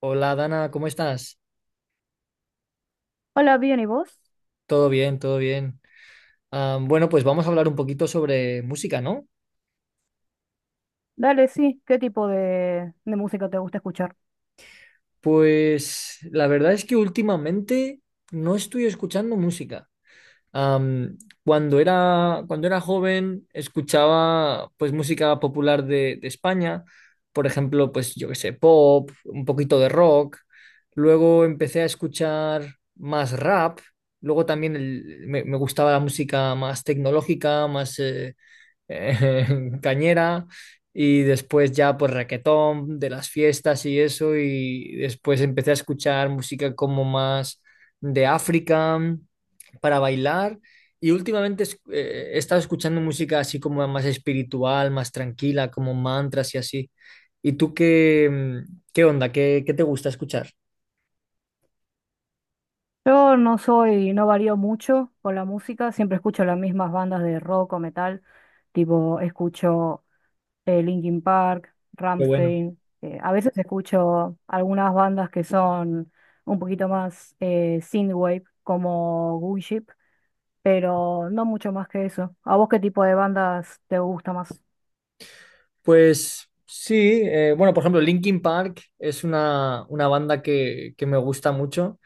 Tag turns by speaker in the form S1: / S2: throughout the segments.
S1: Hola, Dana, ¿cómo estás?
S2: Hola, bien, ¿y vos?
S1: Todo bien, todo bien. Pues vamos a hablar un poquito sobre música, ¿no?
S2: Dale, sí, ¿qué tipo de música te gusta escuchar?
S1: Pues la verdad es que últimamente no estoy escuchando música. Am, cuando era joven escuchaba pues música popular de España, por ejemplo, pues yo qué sé, pop, un poquito de rock. Luego empecé a escuchar más rap. Luego también me gustaba la música más tecnológica, más... eh, cañera, y después ya pues raquetón de las fiestas y eso, y después empecé a escuchar música como más de África para bailar. Y últimamente he estado escuchando música así como más espiritual, más tranquila, como mantras y así. ¿Y tú qué, qué onda? ¿ qué te gusta escuchar?
S2: Yo no soy, no varío mucho con la música, siempre escucho las mismas bandas de rock o metal, tipo escucho Linkin Park,
S1: Qué bueno.
S2: Rammstein, a veces escucho algunas bandas que son un poquito más synthwave, como Gunship, pero no mucho más que eso. ¿A vos qué tipo de bandas te gusta más?
S1: Pues sí, bueno, por ejemplo, Linkin Park es una banda que me gusta mucho.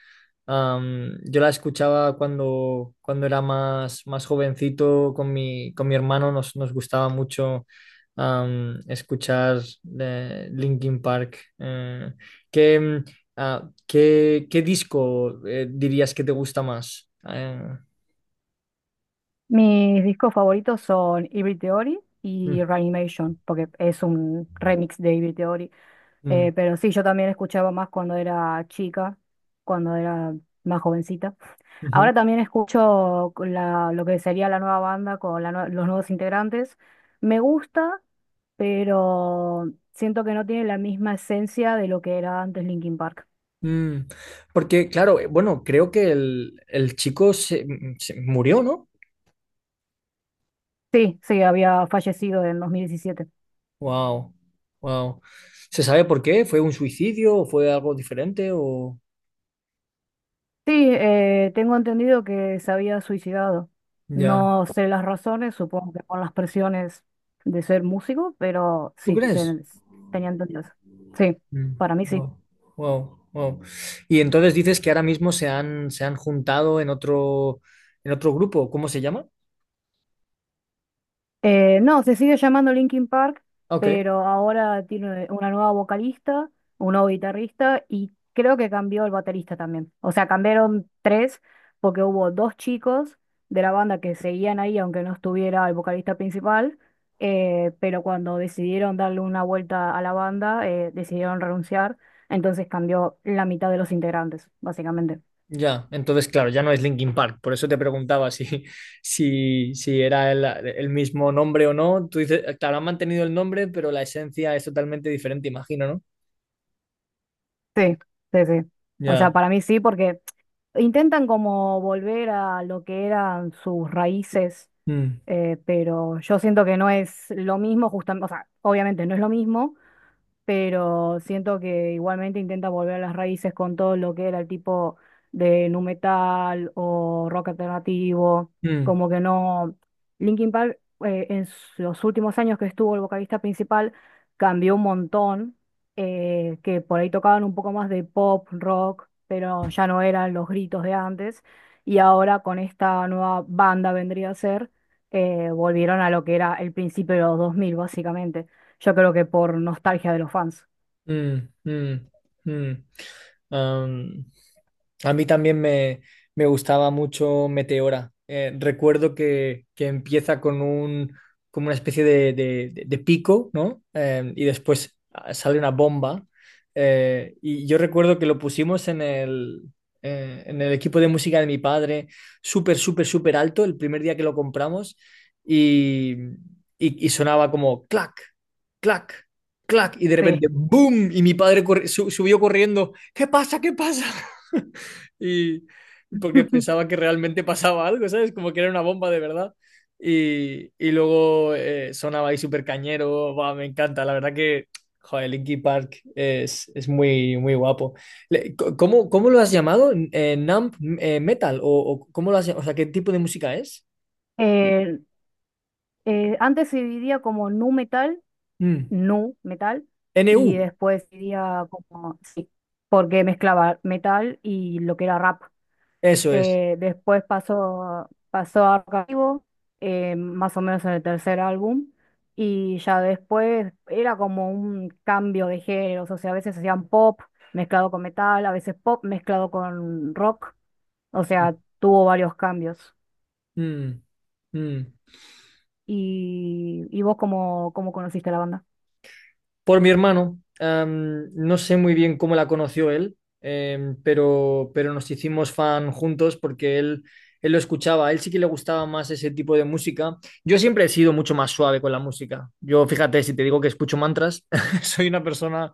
S1: Yo la escuchaba cuando era más jovencito con con mi hermano. Nos, nos gustaba mucho escuchar Linkin Park. ¿Qué, mm, ah, qué, qué disco dirías que te gusta más?
S2: Mis discos favoritos son Hybrid Theory y
S1: Mm,
S2: Reanimation, porque es un remix de Hybrid Theory.
S1: mm,
S2: Pero sí, yo también escuchaba más cuando era chica, cuando era más jovencita.
S1: Ujú.
S2: Ahora también escucho lo que sería la nueva banda con los nuevos integrantes. Me gusta, pero siento que no tiene la misma esencia de lo que era antes Linkin Park.
S1: Mm. Porque claro, bueno, creo que el chico se murió, ¿no?
S2: Sí, sí, había fallecido en 2017.
S1: Wow, wow. ¿Se sabe por qué? ¿Fue un suicidio o fue algo diferente o...?
S2: Sí, tengo entendido que se había suicidado.
S1: Ya.
S2: No sé las razones, supongo que por las presiones de ser músico, pero
S1: ¿Tú crees?
S2: tenía entendido eso. Sí,
S1: Mm.
S2: para mí sí.
S1: Wow, wow, wow. Y entonces dices que ahora mismo se han juntado en otro grupo. ¿Cómo se llama?
S2: No, se sigue llamando Linkin Park,
S1: Ok,
S2: pero ahora tiene una nueva vocalista, un nuevo guitarrista y creo que cambió el baterista también. O sea, cambiaron tres porque hubo dos chicos de la banda que seguían ahí, aunque no estuviera el vocalista principal, pero cuando decidieron darle una vuelta a la banda, decidieron renunciar, entonces cambió la mitad de los integrantes, básicamente.
S1: ya. Entonces, claro, ya no es Linkin Park. Por eso te preguntaba si, si era el mismo nombre o no. Tú dices, claro, han mantenido el nombre, pero la esencia es totalmente diferente, imagino, ¿no?
S2: Sí, sí, sí. O
S1: Ya.
S2: sea, para mí sí, porque... Intentan como volver a lo que eran sus raíces,
S1: Mm,
S2: pero yo siento que no es lo mismo, justamente, o sea, obviamente no es lo mismo, pero siento que igualmente intenta volver a las raíces con todo lo que era el tipo de nu metal o rock alternativo,
S1: mm.
S2: como que no. Linkin Park los últimos años que estuvo el vocalista principal cambió un montón, que por ahí tocaban un poco más de pop, rock, pero ya no eran los gritos de antes, y ahora con esta nueva banda vendría a ser, volvieron a lo que era el principio de los 2000 básicamente. Yo creo que por nostalgia de los fans.
S1: Mm, mm, mm. Am, a mí también me gustaba mucho Meteora. Recuerdo que empieza con un, como una especie de pico, ¿no? Y después ah, sale una bomba. Y yo recuerdo que lo pusimos en en el equipo de música de mi padre, súper, súper, súper alto, el primer día que lo compramos. Y, y sonaba como clac, clac, clac, y de
S2: Sí.
S1: repente, ¡boom! Y mi padre subió corriendo. ¿Qué pasa? ¿Qué pasa? Y porque pensaba que realmente pasaba algo, ¿sabes? Como que era una bomba de verdad. Y luego sonaba ahí súper cañero. Buah, me encanta, la verdad que joder, Linkin Park es muy, muy guapo. ¿ cómo lo has llamado? ¿Numb Metal? O cómo lo has o sea, qué tipo de música es?
S2: Eh, Antes se dividía como
S1: Mm.
S2: nu metal,
S1: N
S2: y
S1: U
S2: después se dividía como, sí, porque mezclaba metal y lo que era rap.
S1: eso es.
S2: Después pasó a Archivo, más o menos en el tercer álbum, y ya después era como un cambio de géneros, o sea, a veces hacían pop mezclado con metal, a veces pop mezclado con rock, o sea, tuvo varios cambios.
S1: Mm. Mm.
S2: Y vos cómo, cómo conociste la banda.
S1: Por mi hermano. No sé muy bien cómo la conoció él. Pero nos hicimos fan juntos porque él lo escuchaba. A él sí que le gustaba más ese tipo de música. Yo siempre he sido mucho más suave con la música. Yo, fíjate, si te digo que escucho mantras, soy una persona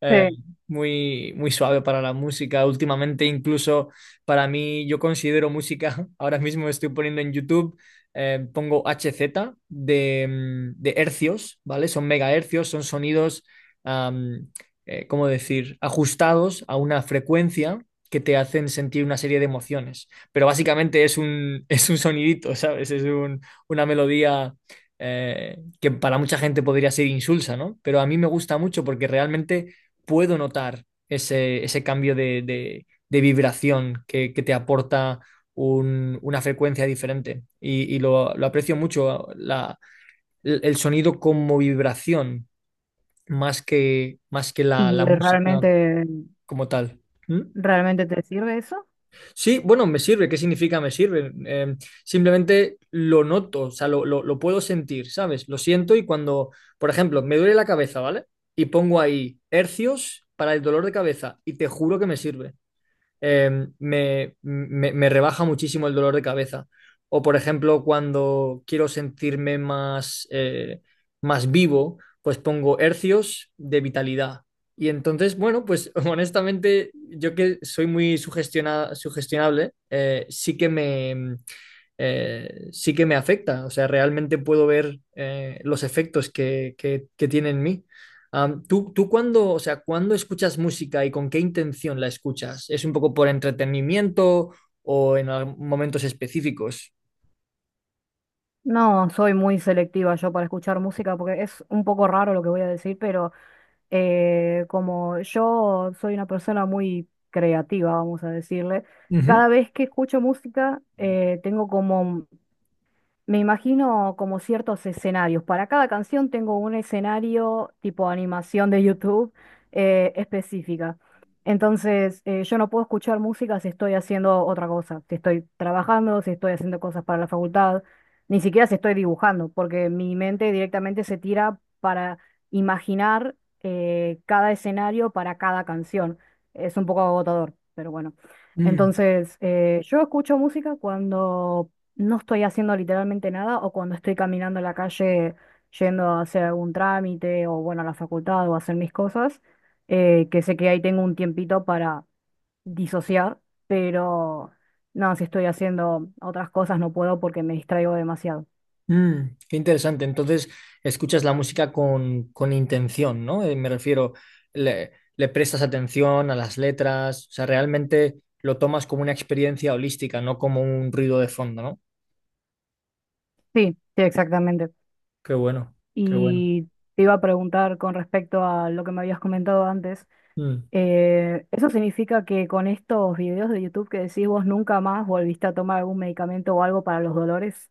S1: eh,
S2: Sí.
S1: muy, muy suave para la música. Últimamente, incluso para mí, yo considero música, ahora mismo estoy poniendo en YouTube pongo HZ de hercios, ¿vale? Son megahercios, son sonidos, am, ¿cómo decir?, ajustados a una frecuencia que te hacen sentir una serie de emociones. Pero básicamente es un, es un sonidito, ¿sabes? Una melodía que para mucha gente podría ser insulsa, ¿no? Pero a mí me gusta mucho porque realmente puedo notar ese, ese cambio de vibración que te aporta una frecuencia diferente. Y lo aprecio mucho, el sonido como vibración, más que
S2: ¿Y
S1: la música
S2: realmente,
S1: como tal. ¿Mm?
S2: realmente te sirve eso?
S1: Sí, bueno, me sirve. ¿Qué significa me sirve? Simplemente lo noto, o sea, lo puedo sentir, ¿sabes? Lo siento. Y cuando, por ejemplo, me duele la cabeza, ¿vale? Y pongo ahí hercios para el dolor de cabeza y te juro que me sirve. Me rebaja muchísimo el dolor de cabeza. O, por ejemplo, cuando quiero sentirme más, más vivo, pues pongo hercios de vitalidad. Y entonces, bueno, pues honestamente, yo que soy muy sugestionable, sí que me afecta. O sea, realmente puedo ver los efectos que tiene en mí. ¿ tú cuándo, o sea, cuándo escuchas música y con qué intención la escuchas? ¿Es un poco por entretenimiento o en momentos específicos?
S2: No, soy muy selectiva yo para escuchar música porque es un poco raro lo que voy a decir, pero como yo soy una persona muy creativa, vamos a decirle,
S1: Ujú.
S2: cada vez que escucho música tengo como Me imagino como ciertos escenarios. Para cada canción tengo un escenario tipo animación de YouTube específica. Entonces, yo no puedo escuchar música si estoy haciendo otra cosa, si estoy trabajando, si estoy haciendo cosas para la facultad, ni siquiera si estoy dibujando, porque mi mente directamente se tira para imaginar cada escenario para cada canción. Es un poco agotador, pero bueno.
S1: Mm,
S2: Entonces, yo escucho música cuando no estoy haciendo literalmente nada o cuando estoy caminando en la calle yendo a hacer algún trámite o bueno, a la facultad o a hacer mis cosas, que sé que ahí tengo un tiempito para disociar, pero no, si estoy haciendo otras cosas no puedo porque me distraigo demasiado.
S1: mm, qué interesante. Entonces, escuchas la música con intención, ¿no? Me refiero, le prestas atención a las letras, o sea, realmente lo tomas como una experiencia holística, no como un ruido de fondo, ¿no?
S2: Sí, sí, exactamente.
S1: Qué bueno, qué bueno.
S2: Y te iba a preguntar con respecto a lo que me habías comentado antes.
S1: Mm.
S2: ¿Eso significa que con estos videos de YouTube que decís vos nunca más volviste a tomar algún medicamento o algo para los dolores?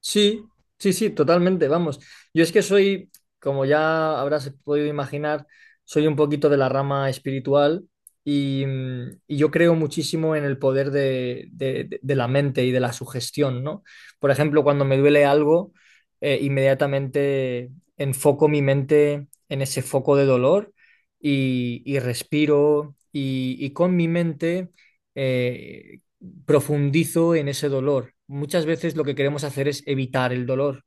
S1: Sí, sí, sí, totalmente, vamos. Yo es que soy, como ya habrás podido imaginar, soy un poquito de la rama espiritual y, mm, y yo creo muchísimo en el poder de la mente y de la sugestión, ¿no? Por ejemplo, cuando me duele algo, inmediatamente enfoco mi mente en ese foco de dolor, y respiro, y con mi mente... eh, profundizo en ese dolor. Muchas veces lo que queremos hacer es evitar el dolor,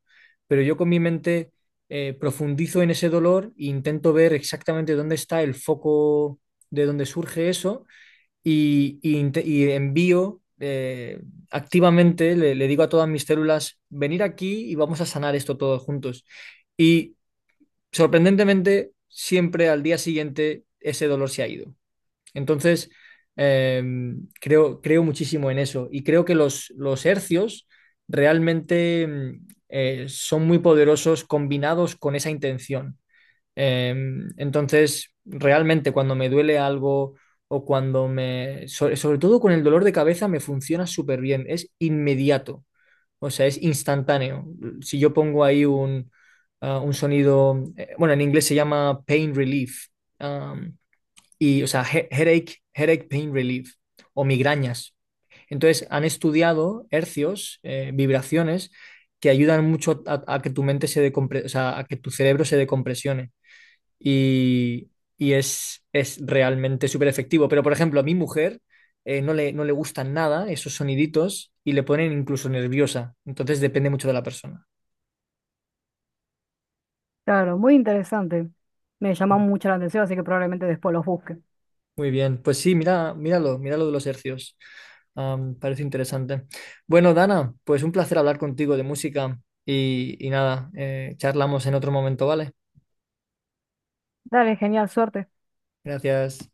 S1: pero yo con mi mente profundizo en ese dolor e intento ver exactamente dónde está el foco, de dónde surge eso. Y, y envío activamente, le digo a todas mis células, venir aquí y vamos a sanar esto todos juntos. Y, sorprendentemente, siempre al día siguiente ese dolor se ha ido. Entonces, eh, creo muchísimo en eso, y creo que los hercios realmente son muy poderosos combinados con esa intención. Eh, entonces, realmente cuando me duele algo o cuando me... sobre todo con el dolor de cabeza me funciona súper bien, es inmediato, o sea, es instantáneo. Si yo pongo ahí un sonido, bueno, en inglés se llama pain relief y, o sea, headache, headache pain relief o migrañas. Entonces, han estudiado hercios, vibraciones, que ayudan mucho a que tu mente se decompre, o sea, a que tu cerebro se decompresione. Y, y es realmente súper efectivo. Pero, por ejemplo, a mi mujer no le gustan nada esos soniditos y le ponen incluso nerviosa. Entonces, depende mucho de la persona.
S2: Claro, muy interesante. Me llama mucho la atención, así que probablemente después los busque.
S1: Muy bien, pues sí, mira, míralo, míralo de los hercios. Parece interesante. Bueno, Dana, pues un placer hablar contigo de música. Y nada, charlamos en otro momento, ¿vale?
S2: Dale, genial, suerte.
S1: Gracias.